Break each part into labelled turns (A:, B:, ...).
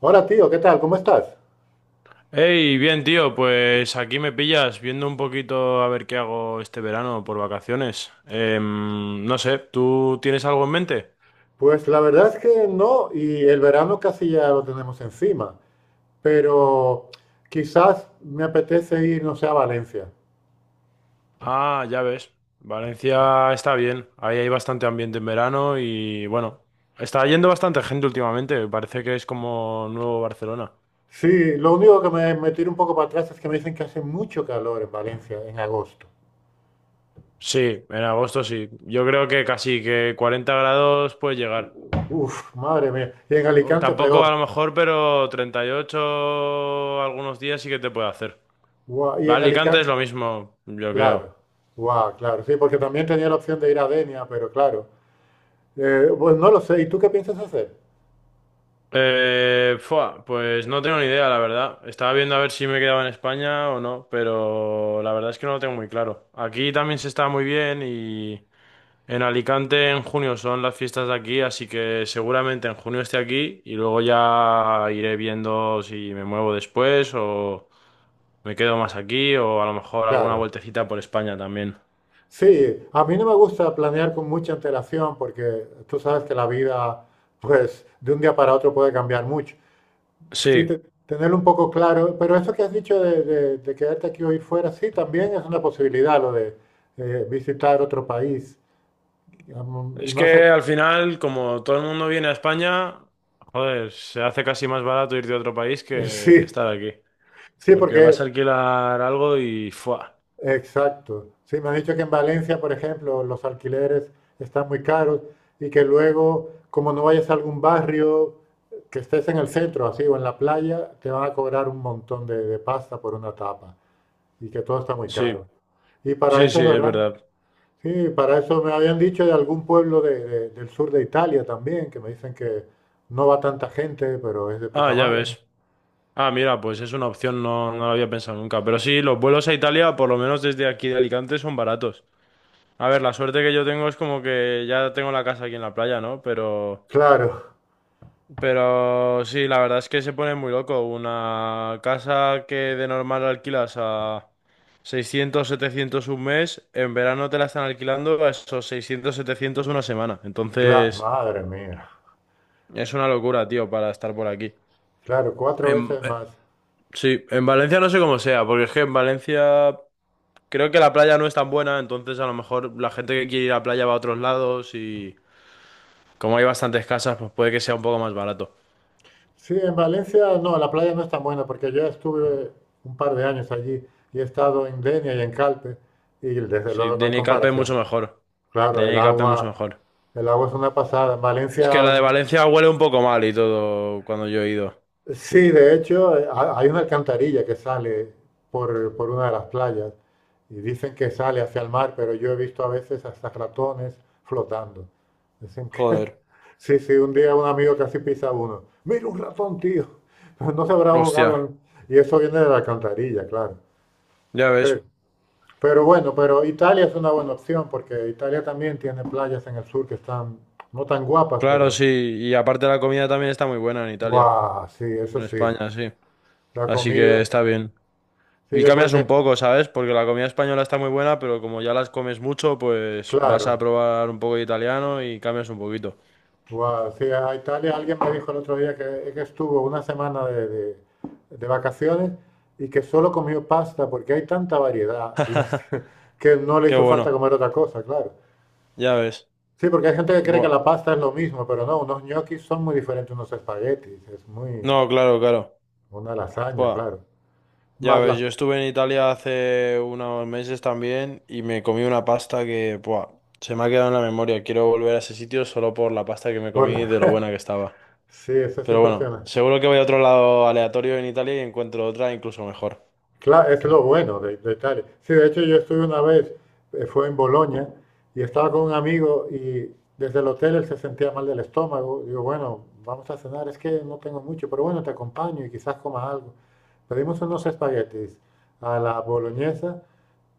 A: Hola tío, ¿qué tal? ¿Cómo estás?
B: Hey, bien tío, pues aquí me pillas viendo un poquito a ver qué hago este verano por vacaciones. No sé, ¿tú tienes algo en mente?
A: Pues la verdad es que no, y el verano casi ya lo tenemos encima, pero quizás me apetece ir, no sé, a Valencia.
B: Ah, ya ves, Valencia está bien, ahí hay bastante ambiente en verano y bueno, está yendo bastante gente últimamente, parece que es como nuevo Barcelona.
A: Sí, lo único que me tira un poco para atrás es que me dicen que hace mucho calor en Valencia en agosto.
B: Sí, en agosto sí, yo creo que casi que 40 grados puede llegar.
A: Madre mía. Y en
B: O
A: Alicante
B: tampoco a
A: peor.
B: lo mejor, pero 38 algunos días sí que te puede hacer.
A: Guau. Y en
B: Alicante
A: Alicante,
B: es lo mismo, yo creo.
A: claro. Guau, claro. Sí, porque también tenía la opción de ir a Denia, pero claro. Pues no lo sé. ¿Y tú qué piensas hacer?
B: Fua, pues no tengo ni idea, la verdad. Estaba viendo a ver si me quedaba en España o no, pero la verdad es que no lo tengo muy claro. Aquí también se está muy bien y en Alicante en junio son las fiestas de aquí, así que seguramente en junio esté aquí y luego ya iré viendo si me muevo después o me quedo más aquí o a lo mejor alguna
A: Claro.
B: vueltecita por España también.
A: Sí, a mí no me gusta planear con mucha antelación porque tú sabes que la vida, pues, de un día para otro puede cambiar mucho. Sí,
B: Sí,
A: tenerlo un poco claro, pero eso que has dicho de, de quedarte aquí o ir fuera, sí, también es una posibilidad lo de visitar otro país, digamos. Y
B: es
A: más
B: que
A: aquí.
B: al final, como todo el mundo viene a España, joder, se hace casi más barato ir de otro país que
A: Sí,
B: estar aquí.
A: sí,
B: Porque vas a
A: porque...
B: alquilar algo y ¡fua!
A: Exacto. Sí, me han dicho que en Valencia, por ejemplo, los alquileres están muy caros y que luego, como no vayas a algún barrio, que estés en el centro, así, o en la playa, te van a cobrar un montón de pasta por una tapa y que todo está muy
B: Sí,
A: caro. Y para eso
B: sí,
A: es
B: es
A: verdad.
B: verdad.
A: Sí, para eso me habían dicho de algún pueblo del sur de Italia también, que me dicen que no va tanta gente, pero es de
B: Ah,
A: puta
B: ya
A: madre.
B: ves. Ah, mira, pues es una opción, no, no lo había pensado nunca. Pero sí, los vuelos a Italia, por lo menos desde aquí de Alicante, son baratos. A ver, la suerte que yo tengo es como que ya tengo la casa aquí en la playa, ¿no?
A: Claro,
B: Pero sí, la verdad es que se pone muy loco. Una casa que de normal alquilas a 600, 700 un mes, en verano te la están alquilando a esos 600, 700 una semana. Entonces,
A: madre mía.
B: es una locura, tío, para estar por aquí.
A: Claro, cuatro
B: En-
A: veces
B: eh,
A: más.
B: sí, en Valencia no sé cómo sea, porque es que en Valencia creo que la playa no es tan buena, entonces a lo mejor la gente que quiere ir a la playa va a otros lados y como hay bastantes casas, pues puede que sea un poco más barato.
A: Sí, en Valencia no, la playa no es tan buena porque yo estuve un par de años allí y he estado en Denia y en Calpe y desde
B: Sí,
A: luego no
B: de
A: hay
B: Nicalpe
A: comparación.
B: mucho mejor.
A: Claro,
B: De Nicalpe mucho mejor.
A: el agua es una pasada. En
B: Es que la
A: Valencia...
B: de Valencia huele un poco mal y todo cuando yo he ido.
A: Sí, de hecho, hay una alcantarilla que sale por una de las playas y dicen que sale hacia el mar, pero yo he visto a veces hasta ratones flotando. Dicen que,
B: Joder.
A: sí, sí, un día un amigo casi pisa uno. Mira un ratón, tío. No se habrá
B: Hostia,
A: ahogado. Y eso viene de la alcantarilla, claro.
B: ya ves.
A: Pero, pero bueno, pero Italia es una buena opción porque Italia también tiene playas en el sur que están no tan guapas,
B: Claro,
A: pero...
B: sí. Y aparte la comida también está muy buena en Italia,
A: Guau, sí,
B: como
A: eso
B: en
A: sí.
B: España, sí.
A: La
B: Así que
A: comida,
B: está bien.
A: sí,
B: Y
A: yo creo
B: cambias un
A: que...
B: poco, ¿sabes? Porque la comida española está muy buena, pero como ya las comes mucho, pues vas a
A: Claro,
B: probar un poco de italiano y cambias un poquito.
A: wow. Sí, a Italia alguien me dijo el otro día que estuvo una semana de vacaciones y que solo comió pasta porque hay tanta variedad y es que no le
B: Qué
A: hizo falta
B: bueno,
A: comer otra cosa, claro.
B: ya ves.
A: Sí, porque hay gente que cree que
B: Buah.
A: la pasta es lo mismo, pero no, unos ñoquis son muy diferentes a unos espaguetis, es muy...
B: No, claro, claro.
A: Una lasaña,
B: Buah.
A: claro.
B: Ya
A: Más
B: ves,
A: la...
B: yo estuve en Italia hace unos meses también y me comí una pasta que, buah, se me ha quedado en la memoria. Quiero volver a ese sitio solo por la pasta que me
A: por
B: comí y
A: la-
B: de lo buena que estaba.
A: sí, eso es
B: Pero bueno,
A: impresionante.
B: seguro que voy a otro lado aleatorio en Italia y encuentro otra incluso mejor.
A: Claro, es lo bueno de Italia. Sí, de hecho yo estuve una vez, fue en Bolonia, y estaba con un amigo y desde el hotel él se sentía mal del estómago. Digo, bueno, vamos a cenar, es que no tengo mucho, pero bueno, te acompaño y quizás comas algo. Pedimos unos espaguetis a la boloñesa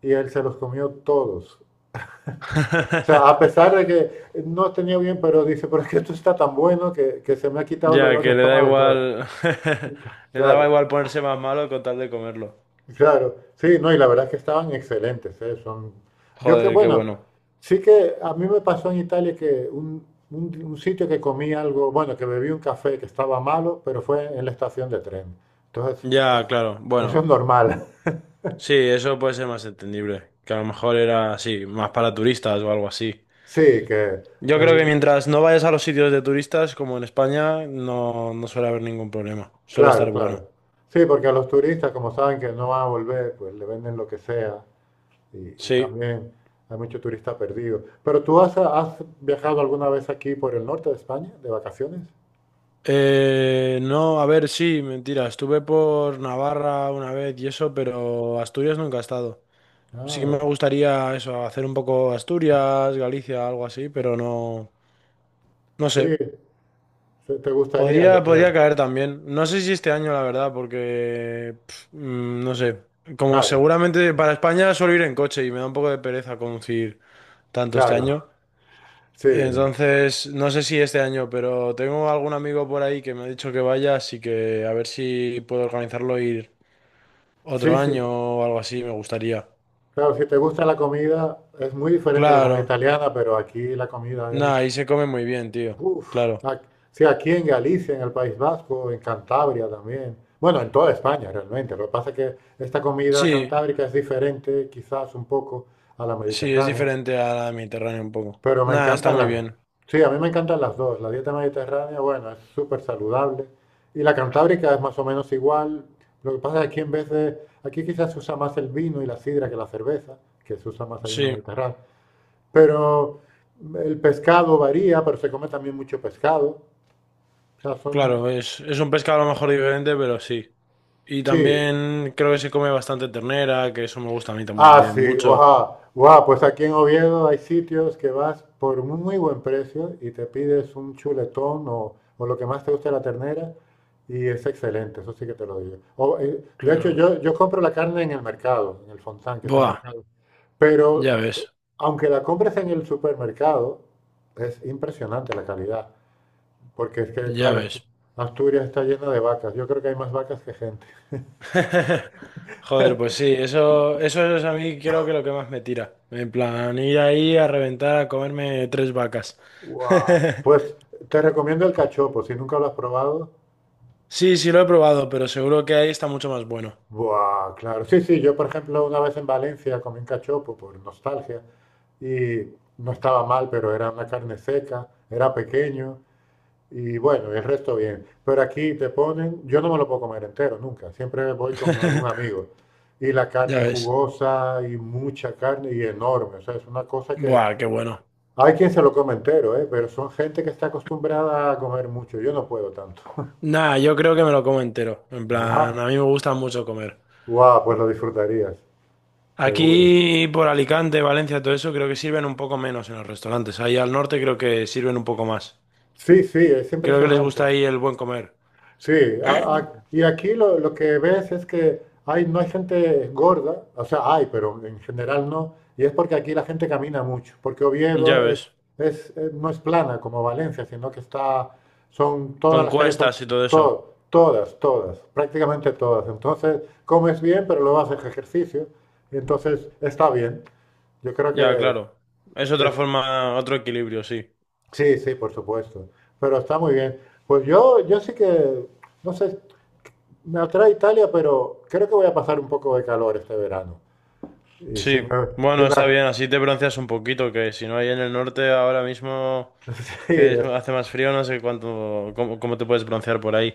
A: y él se los comió todos. O sea, a pesar de que no tenía bien, pero dice, pero es que esto está tan bueno que se me ha quitado el
B: Ya,
A: olor de
B: que le da
A: estómago y todo.
B: igual. Le daba
A: Claro.
B: igual ponerse más malo con tal de comerlo.
A: Claro, sí, no, y la verdad es que estaban excelentes, ¿eh? Son... Yo que,
B: Joder, qué
A: bueno,
B: bueno.
A: sí que a mí me pasó en Italia que un sitio que comí algo, bueno, que bebí un café que estaba malo, pero fue en la estación de tren. Entonces,
B: Ya, claro.
A: eso
B: Bueno,
A: es normal.
B: sí, eso puede ser más entendible. Que a lo mejor era así, más para turistas o algo así.
A: Sí, que
B: Yo creo que
A: el,
B: mientras no vayas a los sitios de turistas, como en España, no, no suele haber ningún problema. Suele
A: claro,
B: estar bueno.
A: claro. Sí, porque a los turistas, como saben que no van a volver, pues le venden lo que sea y
B: Sí.
A: también hay mucho turista perdido. Pero tú ¿has viajado alguna vez aquí por el norte de España, de vacaciones?
B: No, a ver, sí, mentira. Estuve por Navarra una vez y eso, pero Asturias nunca he estado. Sí que
A: Ah,
B: me gustaría eso, hacer un poco Asturias, Galicia, algo así, pero no, no
A: sí,
B: sé.
A: te te gustaría, yo creo.
B: Podría caer también. No sé si este año, la verdad, porque no sé. Como
A: Claro,
B: seguramente para España suelo ir en coche y me da un poco de pereza conducir tanto este
A: claro.
B: año.
A: Sí,
B: Entonces, no sé si este año, pero tengo algún amigo por ahí que me ha dicho que vaya, así que a ver si puedo organizarlo e ir
A: sí,
B: otro año
A: sí.
B: o algo así, me gustaría.
A: Claro, si te gusta la comida, es muy diferente a la comida
B: Claro.
A: italiana, pero aquí la comida
B: Nah,
A: es...
B: ahí se come muy bien, tío.
A: Uf.
B: Claro.
A: Ac- Sí, aquí en Galicia, en el País Vasco, en Cantabria también. Bueno, en toda España realmente. Lo que pasa es que esta comida
B: Sí,
A: cantábrica es diferente quizás un poco a la
B: sí, es
A: mediterránea.
B: diferente a la mediterránea un poco.
A: Pero me
B: Nah, está
A: encantan
B: muy
A: las...
B: bien.
A: Sí, a mí me encantan las dos. La dieta mediterránea, bueno, es súper saludable. Y la cantábrica es más o menos igual. Lo que pasa es que aquí en vez de... Aquí quizás se usa más el vino y la sidra que la cerveza, que se usa más allá en el
B: Sí.
A: Mediterráneo. Pero el pescado varía, pero se come también mucho pescado. O sea, son...
B: Claro, es un pescado a lo mejor diferente, pero sí. Y
A: Sí.
B: también creo que se come bastante ternera, que eso me gusta a mí
A: Ah,
B: también
A: sí,
B: mucho.
A: wow, wow, pues aquí en Oviedo hay sitios que vas por un muy buen precio y te pides un chuletón o lo que más te guste de la ternera y es excelente, eso sí que te lo digo. O, de hecho,
B: Claro.
A: yo compro la carne en el mercado, en el Fontán, que es el
B: Buah,
A: mercado,
B: ya
A: pero
B: ves,
A: aunque la compres en el supermercado, es impresionante la calidad, porque es que,
B: ya
A: claro,
B: ves.
A: Asturias está llena de vacas, yo creo que hay más vacas que gente.
B: Joder, pues sí, eso es a mí creo que lo que más me tira. En plan, ir ahí a reventar a comerme tres vacas.
A: Wow. Pues te recomiendo el cachopo, si nunca lo has probado.
B: Sí, sí lo he probado, pero seguro que ahí está mucho más bueno.
A: Buah, claro. Sí, sí, yo por ejemplo una vez en Valencia comí un cachopo por nostalgia y no estaba mal, pero era una carne seca, era pequeño y bueno, y el resto bien. Pero aquí te ponen, yo no me lo puedo comer entero nunca, siempre voy con algún amigo y la
B: Ya
A: carne
B: ves.
A: jugosa y mucha carne y enorme, o sea, es una cosa que
B: Buah, qué bueno.
A: hay quien se lo come entero, ¿eh? Pero son gente que está acostumbrada a comer mucho, yo no puedo tanto.
B: Nah, yo creo que me lo como entero. En
A: Buah,
B: plan, a mí me gusta mucho comer.
A: buah, pues lo disfrutarías, seguro.
B: Aquí por Alicante, Valencia, todo eso, creo que sirven un poco menos en los restaurantes. Ahí al norte creo que sirven un poco más.
A: Sí, sí, es
B: Creo que les gusta
A: impresionante.
B: ahí el buen comer.
A: Sí, y aquí lo que ves es que hay, no hay gente gorda, o sea, hay, pero en general no, y es porque aquí la gente camina mucho, porque
B: Ya
A: Oviedo
B: ves,
A: es, no es plana como Valencia, sino que está, son, todas
B: con
A: las calles son,
B: cuestas y todo eso.
A: todo, todas, todas, prácticamente todas. Entonces, comes bien, pero luego haces ejercicio, y entonces está bien. Yo creo
B: Ya,
A: que,
B: claro. Es
A: que
B: otra
A: es-
B: forma, otro equilibrio, sí.
A: sí, sí, por supuesto. Pero está muy bien. Pues yo sí que, no sé, me atrae Italia, pero creo que voy a pasar un poco de calor este verano. Y si me,
B: Sí,
A: si
B: bueno,
A: me-
B: está bien, así te bronceas un poquito, que si no hay en el norte ahora mismo
A: sí,
B: hace más frío, no sé cuánto, cómo, cómo te puedes broncear por ahí.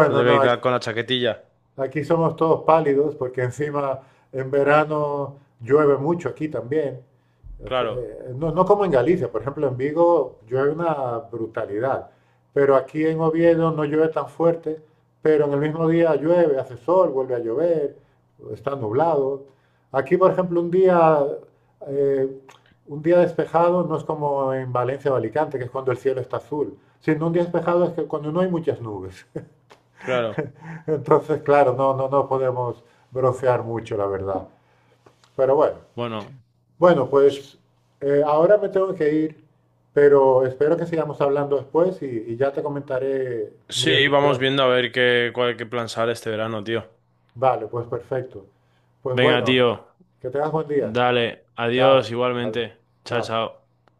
B: Te toca
A: no, hay...
B: ir con la chaquetilla.
A: Aquí somos todos pálidos porque encima en verano llueve mucho aquí también. O sea,
B: Claro,
A: no, no como en Galicia, por ejemplo, en Vigo llueve una brutalidad, pero aquí en Oviedo no llueve tan fuerte, pero en el mismo día llueve, hace sol, vuelve a llover, está nublado. Aquí, por ejemplo, eh, un día despejado no es como en Valencia o Alicante, que es cuando el cielo está azul, sino un día despejado es que cuando no hay muchas nubes.
B: claro.
A: Entonces, claro, no, no, no podemos brofear mucho, la verdad. Pero bueno,
B: Bueno.
A: bueno, pues ahora me tengo que ir, pero espero que sigamos hablando después y ya te comentaré mi
B: Sí, vamos
A: decisión.
B: viendo a ver qué, cuál, qué plan sale este verano, tío.
A: Vale, pues perfecto. Pues
B: Venga,
A: bueno,
B: tío,
A: que tengas buen día.
B: dale, adiós
A: Chao. Ad-
B: igualmente. Chao,
A: Chao.
B: chao.